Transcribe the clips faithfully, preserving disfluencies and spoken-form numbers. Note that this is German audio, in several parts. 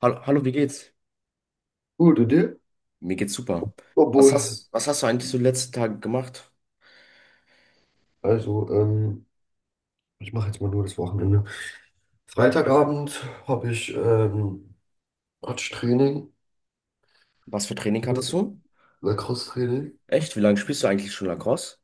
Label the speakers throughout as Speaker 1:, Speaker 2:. Speaker 1: Hallo, hallo, wie geht's?
Speaker 2: Gut, und dir?
Speaker 1: Mir geht's super. Was
Speaker 2: Obwohl,
Speaker 1: hast, was hast du eigentlich so die letzten Tage gemacht?
Speaker 2: also, ähm, ich mache jetzt mal nur das Wochenende. Freitagabend habe ich ähm, Touch-Training,
Speaker 1: Was für Training hattest du?
Speaker 2: Lacrosse-Training,
Speaker 1: Echt? Wie lange spielst du eigentlich schon Lacrosse?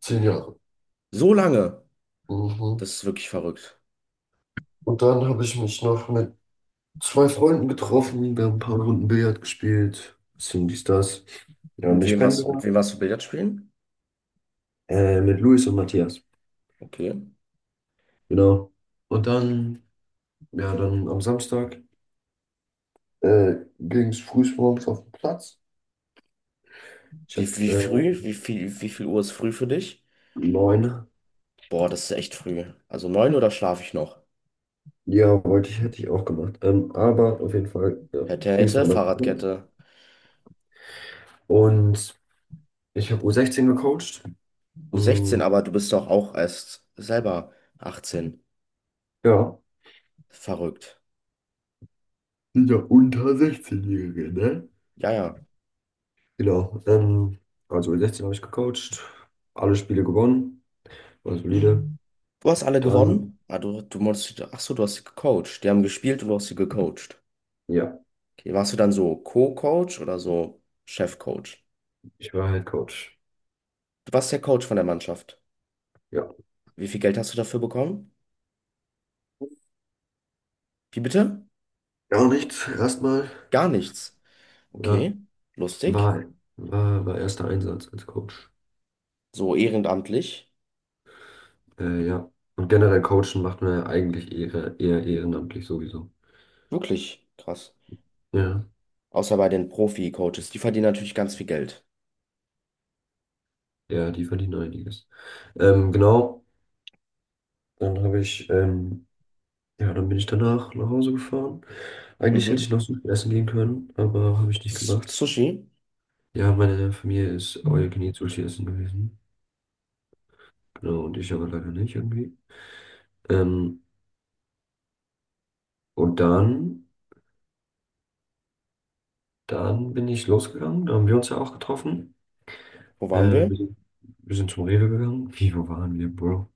Speaker 2: zehn Jahre.
Speaker 1: So lange?
Speaker 2: Mhm.
Speaker 1: Das ist wirklich verrückt.
Speaker 2: Und dann habe ich mich noch mit zwei Freunden getroffen, wir haben ein paar Runden Billard gespielt, bisschen dies, das. Ja,
Speaker 1: Mit
Speaker 2: mich
Speaker 1: wem was, mit
Speaker 2: kennengelernt.
Speaker 1: wem warst du Billard spielen?
Speaker 2: Äh, mit Luis und Matthias,
Speaker 1: Okay.
Speaker 2: genau. Und dann, ja, dann am Samstag äh, ging es frühmorgens auf den Platz. Ich habe
Speaker 1: Wie, wie
Speaker 2: äh,
Speaker 1: früh? Wie viel, wie viel Uhr ist früh für dich?
Speaker 2: neun.
Speaker 1: Boah, das ist echt früh. Also neun oder schlafe ich noch?
Speaker 2: Ja, wollte ich, hätte ich auch gemacht. Ähm, aber auf jeden Fall, ja,
Speaker 1: Hätte,
Speaker 2: ging es
Speaker 1: hätte,
Speaker 2: dann noch.
Speaker 1: Fahrradkette.
Speaker 2: Und ich habe u sechzehn gecoacht.
Speaker 1: U sechzehn,
Speaker 2: Mm,
Speaker 1: aber du bist doch auch erst selber achtzehn.
Speaker 2: ja,
Speaker 1: Verrückt.
Speaker 2: sind ja unter sechzehn-Jährige, ne?
Speaker 1: Ja, ja.
Speaker 2: Genau. Ähm, also u sechzehn habe ich gecoacht, alle Spiele gewonnen, war solide.
Speaker 1: Du hast alle
Speaker 2: Dann,
Speaker 1: gewonnen? Ah, du, du musst, ach so, du hast sie gecoacht. Die haben gespielt und du hast sie gecoacht.
Speaker 2: ja,
Speaker 1: Okay, warst du dann so Co-Coach oder so Chef-Coach?
Speaker 2: ich war Head Coach.
Speaker 1: Du warst der Coach von der Mannschaft.
Speaker 2: Ja.
Speaker 1: Wie viel Geld hast du dafür bekommen? Wie bitte?
Speaker 2: Gar nichts, erstmal.
Speaker 1: Gar nichts.
Speaker 2: Ja,
Speaker 1: Okay, lustig.
Speaker 2: war, war, war erster Einsatz als Coach.
Speaker 1: So ehrenamtlich.
Speaker 2: Äh, ja. Und generell coachen macht man ja eigentlich eher, eher ehrenamtlich sowieso.
Speaker 1: Wirklich krass.
Speaker 2: Ja.
Speaker 1: Außer bei den Profi-Coaches. Die verdienen natürlich ganz viel Geld.
Speaker 2: Ja, die verdienen einiges. Ähm, genau, dann habe ich, ähm, ja, dann bin ich danach nach Hause gefahren. Eigentlich hätte
Speaker 1: Mhm.
Speaker 2: ich noch Sushi essen gehen können, aber habe ich nicht
Speaker 1: S
Speaker 2: gemacht.
Speaker 1: Sushi.
Speaker 2: Ja, meine Familie ist all you can eat Sushi essen gewesen. Genau, und ich aber leider nicht irgendwie. Ähm, und dann, dann bin ich losgegangen, da haben wir uns ja auch getroffen.
Speaker 1: Wo waren
Speaker 2: Äh,
Speaker 1: wir?
Speaker 2: wir sind, wir sind zum Rewe gegangen. Wie, wo waren wir, Bro?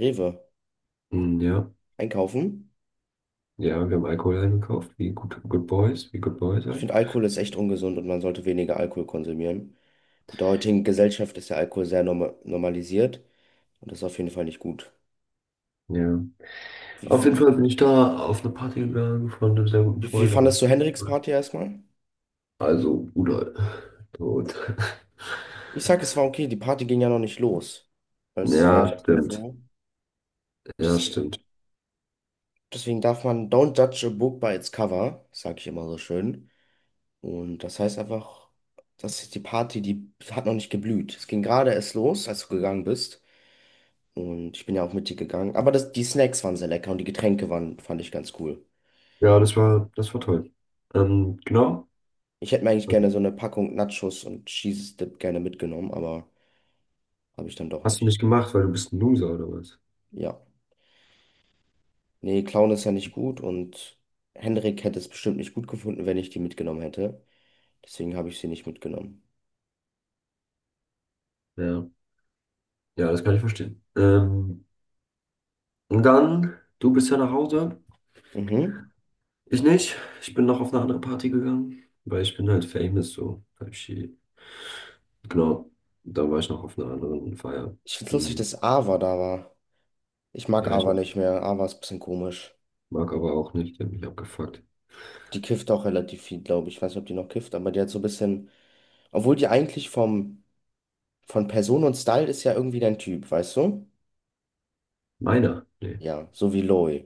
Speaker 1: Rewe.
Speaker 2: Hm, ja,
Speaker 1: Einkaufen.
Speaker 2: ja, wir haben Alkohol eingekauft, wie Good, Good Boys, wie Good Boys
Speaker 1: Ich
Speaker 2: halt.
Speaker 1: finde, Alkohol ist echt ungesund und man sollte weniger Alkohol konsumieren. In der heutigen Gesellschaft ist der Alkohol sehr norma normalisiert und das ist auf jeden Fall nicht gut.
Speaker 2: Ja. Auf jeden
Speaker 1: Wie,
Speaker 2: Fall bin ich da auf eine Party gegangen von einem sehr guten
Speaker 1: wie, wie
Speaker 2: Freund, aber
Speaker 1: fandest du Henriks Party erstmal?
Speaker 2: also Bruder. Tot.
Speaker 1: Ich sag, es war okay, die Party ging ja noch nicht los. Weil es war
Speaker 2: Ja,
Speaker 1: ja das nur
Speaker 2: stimmt.
Speaker 1: vorher.
Speaker 2: Ja,
Speaker 1: Deswegen,
Speaker 2: stimmt.
Speaker 1: deswegen darf man don't judge a book by its cover, sag ich immer so schön. Und das heißt einfach, das ist die Party, die hat noch nicht geblüht. Es ging gerade erst los, als du gegangen bist. Und ich bin ja auch mit dir gegangen. Aber das, die Snacks waren sehr lecker und die Getränke waren, fand ich ganz cool.
Speaker 2: Ja, das war, das war toll. Ähm, genau.
Speaker 1: Ich hätte mir eigentlich
Speaker 2: Also,
Speaker 1: gerne so eine Packung Nachos und Cheese Dip gerne mitgenommen, aber habe ich dann doch
Speaker 2: Hast du
Speaker 1: nicht.
Speaker 2: nicht gemacht, weil du bist ein Loser oder was?
Speaker 1: Ja. Nee, Clown ist ja nicht gut und Henrik hätte es bestimmt nicht gut gefunden, wenn ich die mitgenommen hätte. Deswegen habe ich sie nicht mitgenommen.
Speaker 2: Ja. Ja, das kann ich verstehen. Ähm, und dann, du bist ja nach Hause.
Speaker 1: Mhm.
Speaker 2: Ich nicht. Ich bin noch auf eine andere Party gegangen, weil ich bin halt famous, so. Type shit. Genau. Da war ich noch auf einer anderen Feier.
Speaker 1: Ich find's lustig,
Speaker 2: Hm.
Speaker 1: dass Ava da war. Ich mag
Speaker 2: Ja, ich
Speaker 1: Ava nicht mehr. Ava ist ein bisschen komisch.
Speaker 2: mag aber auch nicht, der hat mich abgefuckt.
Speaker 1: Die kifft auch relativ viel, glaube ich. Ich weiß nicht, ob die noch kifft, aber die hat so ein bisschen. Obwohl die eigentlich vom, von Person und Style ist ja irgendwie dein Typ, weißt du?
Speaker 2: Meiner? Nee,
Speaker 1: Ja, so wie Loe.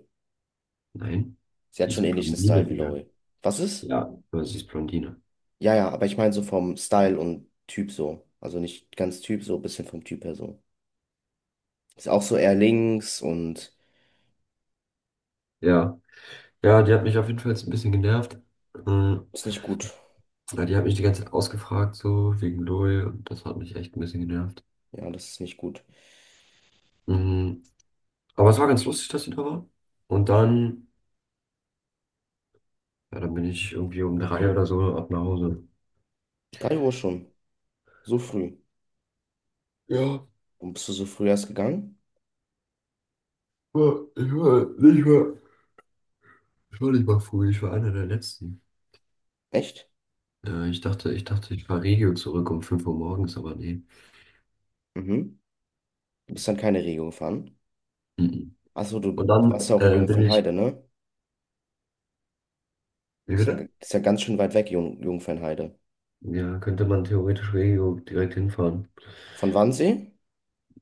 Speaker 2: nein.
Speaker 1: Sie
Speaker 2: Die
Speaker 1: hat schon
Speaker 2: ist
Speaker 1: ähnlichen
Speaker 2: Blondine,
Speaker 1: Style wie
Speaker 2: Digga.
Speaker 1: Loe. Was ist?
Speaker 2: Ja, aber sie ist Blondine.
Speaker 1: Ja, ja, aber ich meine so vom Style und Typ so. Also nicht ganz Typ, so ein bisschen vom Typ her so. Ist auch so eher links und
Speaker 2: Ja. Ja, die hat mich auf jeden Fall jetzt ein bisschen genervt. Mhm.
Speaker 1: ist nicht gut.
Speaker 2: Ja, die hat mich die ganze Zeit ausgefragt, so wegen LOL und das hat mich echt ein bisschen genervt.
Speaker 1: Ja, das ist nicht gut.
Speaker 2: Mhm. Aber es war ganz lustig, dass sie da war. Und dann, ja, dann bin ich irgendwie um drei oder so ab nach Hause.
Speaker 1: Drei Uhr schon. So früh.
Speaker 2: Ja,
Speaker 1: Warum bist du so früh erst gegangen?
Speaker 2: war- ich war nicht mal, ich war nicht mal früh, ich war einer der Letzten.
Speaker 1: Echt?
Speaker 2: Äh, ich dachte, ich dachte, ich fahre Regio zurück um fünf Uhr morgens, aber nee.
Speaker 1: Mhm. Du bist dann keine Regio gefahren.
Speaker 2: Mhm.
Speaker 1: Achso,
Speaker 2: Und
Speaker 1: du
Speaker 2: dann
Speaker 1: warst ja auch in
Speaker 2: äh, bin ich,
Speaker 1: Jungfernheide, ne?
Speaker 2: wie
Speaker 1: Das ist ja, das
Speaker 2: bitte?
Speaker 1: ist ja ganz schön weit weg, Jung, Jungfernheide.
Speaker 2: Ja, könnte man theoretisch Regio direkt hinfahren.
Speaker 1: Von Wannsee?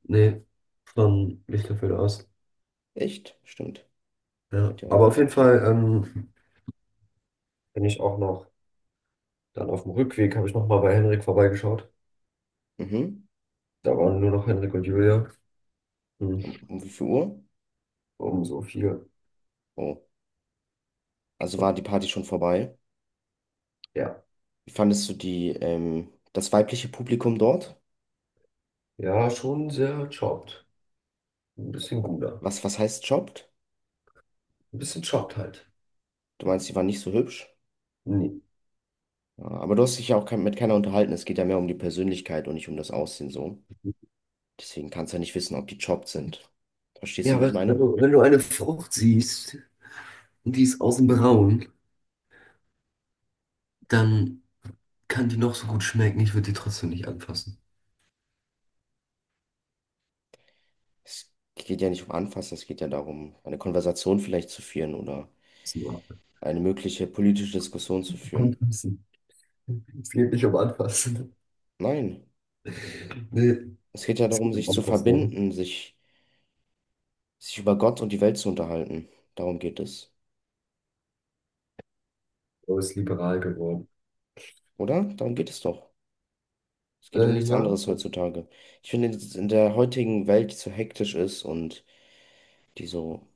Speaker 2: Nee, von Lichterfeld aus.
Speaker 1: Echt? Stimmt. Da
Speaker 2: Ja,
Speaker 1: wird ja auch
Speaker 2: aber auf jeden
Speaker 1: Regen.
Speaker 2: Fall ähm, bin ich auch noch, dann auf dem Rückweg habe ich nochmal bei Henrik vorbeigeschaut.
Speaker 1: Mhm.
Speaker 2: Da waren nur noch Henrik und Julia. Hm,
Speaker 1: Um, um wie viel Uhr?
Speaker 2: um so viel.
Speaker 1: Oh. Also war die Party schon vorbei?
Speaker 2: Ja,
Speaker 1: Wie fandest du die, ähm, das weibliche Publikum dort?
Speaker 2: ja, schon sehr chopped. Ein bisschen guter.
Speaker 1: Was, was heißt jobbt?
Speaker 2: Ein bisschen chopped halt.
Speaker 1: Du meinst, die waren nicht so hübsch?
Speaker 2: Nee.
Speaker 1: Ja, aber du hast dich ja auch kein, mit keiner unterhalten. Es geht ja mehr um die Persönlichkeit und nicht um das Aussehen so. Deswegen kannst du ja nicht wissen, ob die jobbt sind. Verstehst
Speaker 2: Ja,
Speaker 1: du, wie ich
Speaker 2: was, wenn
Speaker 1: meine?
Speaker 2: du, wenn du eine Frucht siehst und die ist außen braun, dann kann die noch so gut schmecken. Ich würde die trotzdem nicht anfassen.
Speaker 1: Es geht ja nicht um Anfassen, es geht ja darum, eine Konversation vielleicht zu führen oder
Speaker 2: So,
Speaker 1: eine mögliche politische Diskussion zu führen.
Speaker 2: Anfassen. Es geht nicht um Anfassen.
Speaker 1: Nein,
Speaker 2: Nee,
Speaker 1: es geht ja
Speaker 2: es
Speaker 1: darum,
Speaker 2: geht um
Speaker 1: sich zu
Speaker 2: Anfassen, oder?
Speaker 1: verbinden, sich, sich über Gott und die Welt zu unterhalten. Darum geht es.
Speaker 2: Aber ist liberal geworden.
Speaker 1: Oder? Darum geht es doch. Es geht um
Speaker 2: Äh,
Speaker 1: nichts
Speaker 2: ja,
Speaker 1: anderes heutzutage. Ich finde, dass es in der heutigen Welt, die so hektisch ist und die so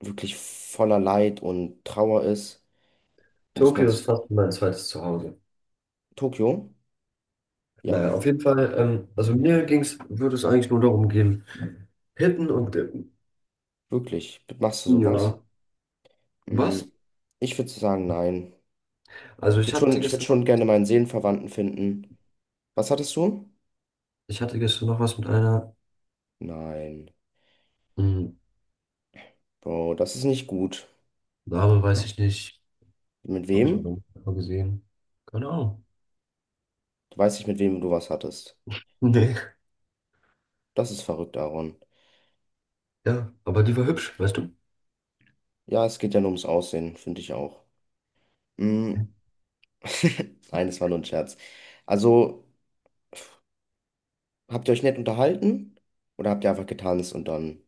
Speaker 1: wirklich voller Leid und Trauer ist, muss man
Speaker 2: Tokio
Speaker 1: sich.
Speaker 2: ist fast mein zweites Zuhause.
Speaker 1: Tokio? Ja,
Speaker 2: Naja, auf jeden Fall, ähm, also mir ging's, würde es eigentlich nur darum gehen, hitten und dippen.
Speaker 1: wirklich. Machst du
Speaker 2: Ja,
Speaker 1: sowas?
Speaker 2: was?
Speaker 1: Mm, Ich würde sagen, nein.
Speaker 2: Also
Speaker 1: Ich
Speaker 2: ich
Speaker 1: würde schon,
Speaker 2: hatte
Speaker 1: ich würde
Speaker 2: gestern noch
Speaker 1: schon gerne
Speaker 2: was,
Speaker 1: meinen Seelenverwandten finden. Was hattest du?
Speaker 2: ich hatte gestern noch was mit einer,
Speaker 1: Nein.
Speaker 2: mh,
Speaker 1: Bro, das ist nicht gut.
Speaker 2: Name weiß ich nicht,
Speaker 1: Mit
Speaker 2: habe ich auch
Speaker 1: wem?
Speaker 2: noch mal gesehen. Keine Ahnung.
Speaker 1: Du weißt nicht, mit wem du was hattest.
Speaker 2: Nee.
Speaker 1: Das ist verrückt, Aaron.
Speaker 2: Ja, aber die war hübsch, weißt du?
Speaker 1: Ja, es geht ja nur ums Aussehen, finde ich auch. Mm. Nein, das war nur ein Scherz. Also, habt ihr euch nett unterhalten oder habt ihr einfach getanzt und dann,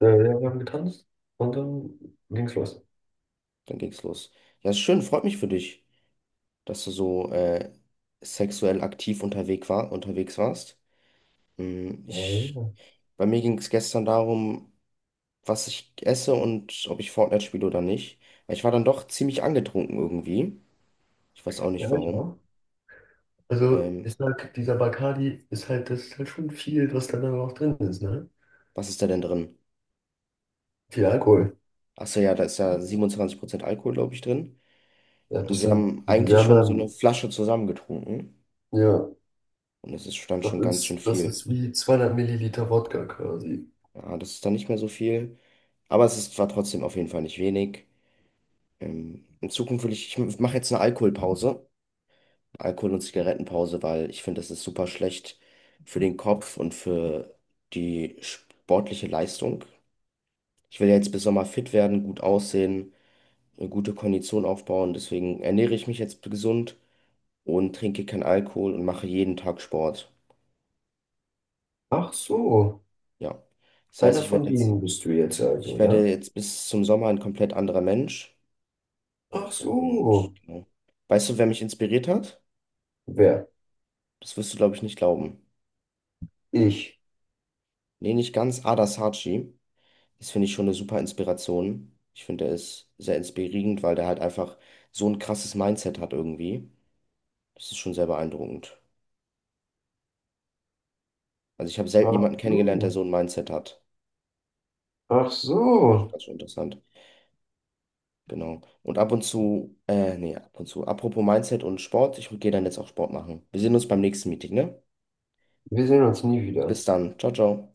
Speaker 2: Äh, ja, wir haben getanzt und dann ging's los.
Speaker 1: dann ging's los? Ja, ist schön, freut mich für dich, dass du so äh, sexuell aktiv unterwegs war, unterwegs warst. Hm,
Speaker 2: Ja,
Speaker 1: Ich,
Speaker 2: ja,
Speaker 1: bei mir ging es gestern darum, was ich esse und ob ich Fortnite spiele oder nicht. Weil Ich war dann doch ziemlich angetrunken irgendwie. Ich weiß auch
Speaker 2: Ja,
Speaker 1: nicht
Speaker 2: ich
Speaker 1: warum.
Speaker 2: auch. Also,
Speaker 1: Ähm,
Speaker 2: ich sag, dieser Bacardi ist halt, das ist halt schon viel, was da dann auch drin ist, ne?
Speaker 1: was ist da denn drin?
Speaker 2: Viel Alkohol.
Speaker 1: Achso, ja, da ist ja siebenundzwanzig Prozent Alkohol, glaube ich, drin.
Speaker 2: Ja,
Speaker 1: Und
Speaker 2: das
Speaker 1: wir
Speaker 2: sind,
Speaker 1: haben
Speaker 2: das sind, wir
Speaker 1: eigentlich
Speaker 2: haben
Speaker 1: schon so eine
Speaker 2: dann,
Speaker 1: Flasche zusammengetrunken.
Speaker 2: ja,
Speaker 1: Und es ist dann
Speaker 2: das
Speaker 1: schon ganz schön
Speaker 2: ist, das
Speaker 1: viel.
Speaker 2: ist wie zweihundert Milliliter Wodka quasi.
Speaker 1: Ja, das ist dann nicht mehr so viel. Aber es ist, war trotzdem auf jeden Fall nicht wenig. Ähm, in Zukunft will ich, ich mache jetzt eine Alkoholpause. Alkohol- und Zigarettenpause, weil ich finde, das ist super schlecht für den Kopf und für die sportliche Leistung. Ich will ja jetzt bis Sommer fit werden, gut aussehen, eine gute Kondition aufbauen. Deswegen ernähre ich mich jetzt gesund und trinke keinen Alkohol und mache jeden Tag Sport.
Speaker 2: Ach so,
Speaker 1: Ja. Das heißt,
Speaker 2: einer
Speaker 1: ich
Speaker 2: von
Speaker 1: werde jetzt,
Speaker 2: denen bist du jetzt
Speaker 1: ich
Speaker 2: also, ja?
Speaker 1: werde jetzt bis zum Sommer ein komplett anderer Mensch.
Speaker 2: Ach so,
Speaker 1: Und genau. Weißt du, wer mich inspiriert hat?
Speaker 2: wer?
Speaker 1: Das wirst du, glaube ich, nicht glauben.
Speaker 2: Ich.
Speaker 1: Nee, nicht ganz. Ada Sarchi. Das finde ich schon eine super Inspiration. Ich finde, der ist sehr inspirierend, weil der halt einfach so ein krasses Mindset hat irgendwie. Das ist schon sehr beeindruckend. Also ich habe selten
Speaker 2: Ach
Speaker 1: jemanden kennengelernt, der
Speaker 2: so,
Speaker 1: so ein Mindset hat.
Speaker 2: ach so,
Speaker 1: Ganz schön interessant. Genau. Und ab und zu, äh, nee, ab und zu. Apropos Mindset und Sport, ich gehe dann jetzt auch Sport machen. Wir sehen uns beim nächsten Meeting, ne?
Speaker 2: wir sehen uns nie wieder.
Speaker 1: Bis dann. Ciao, ciao.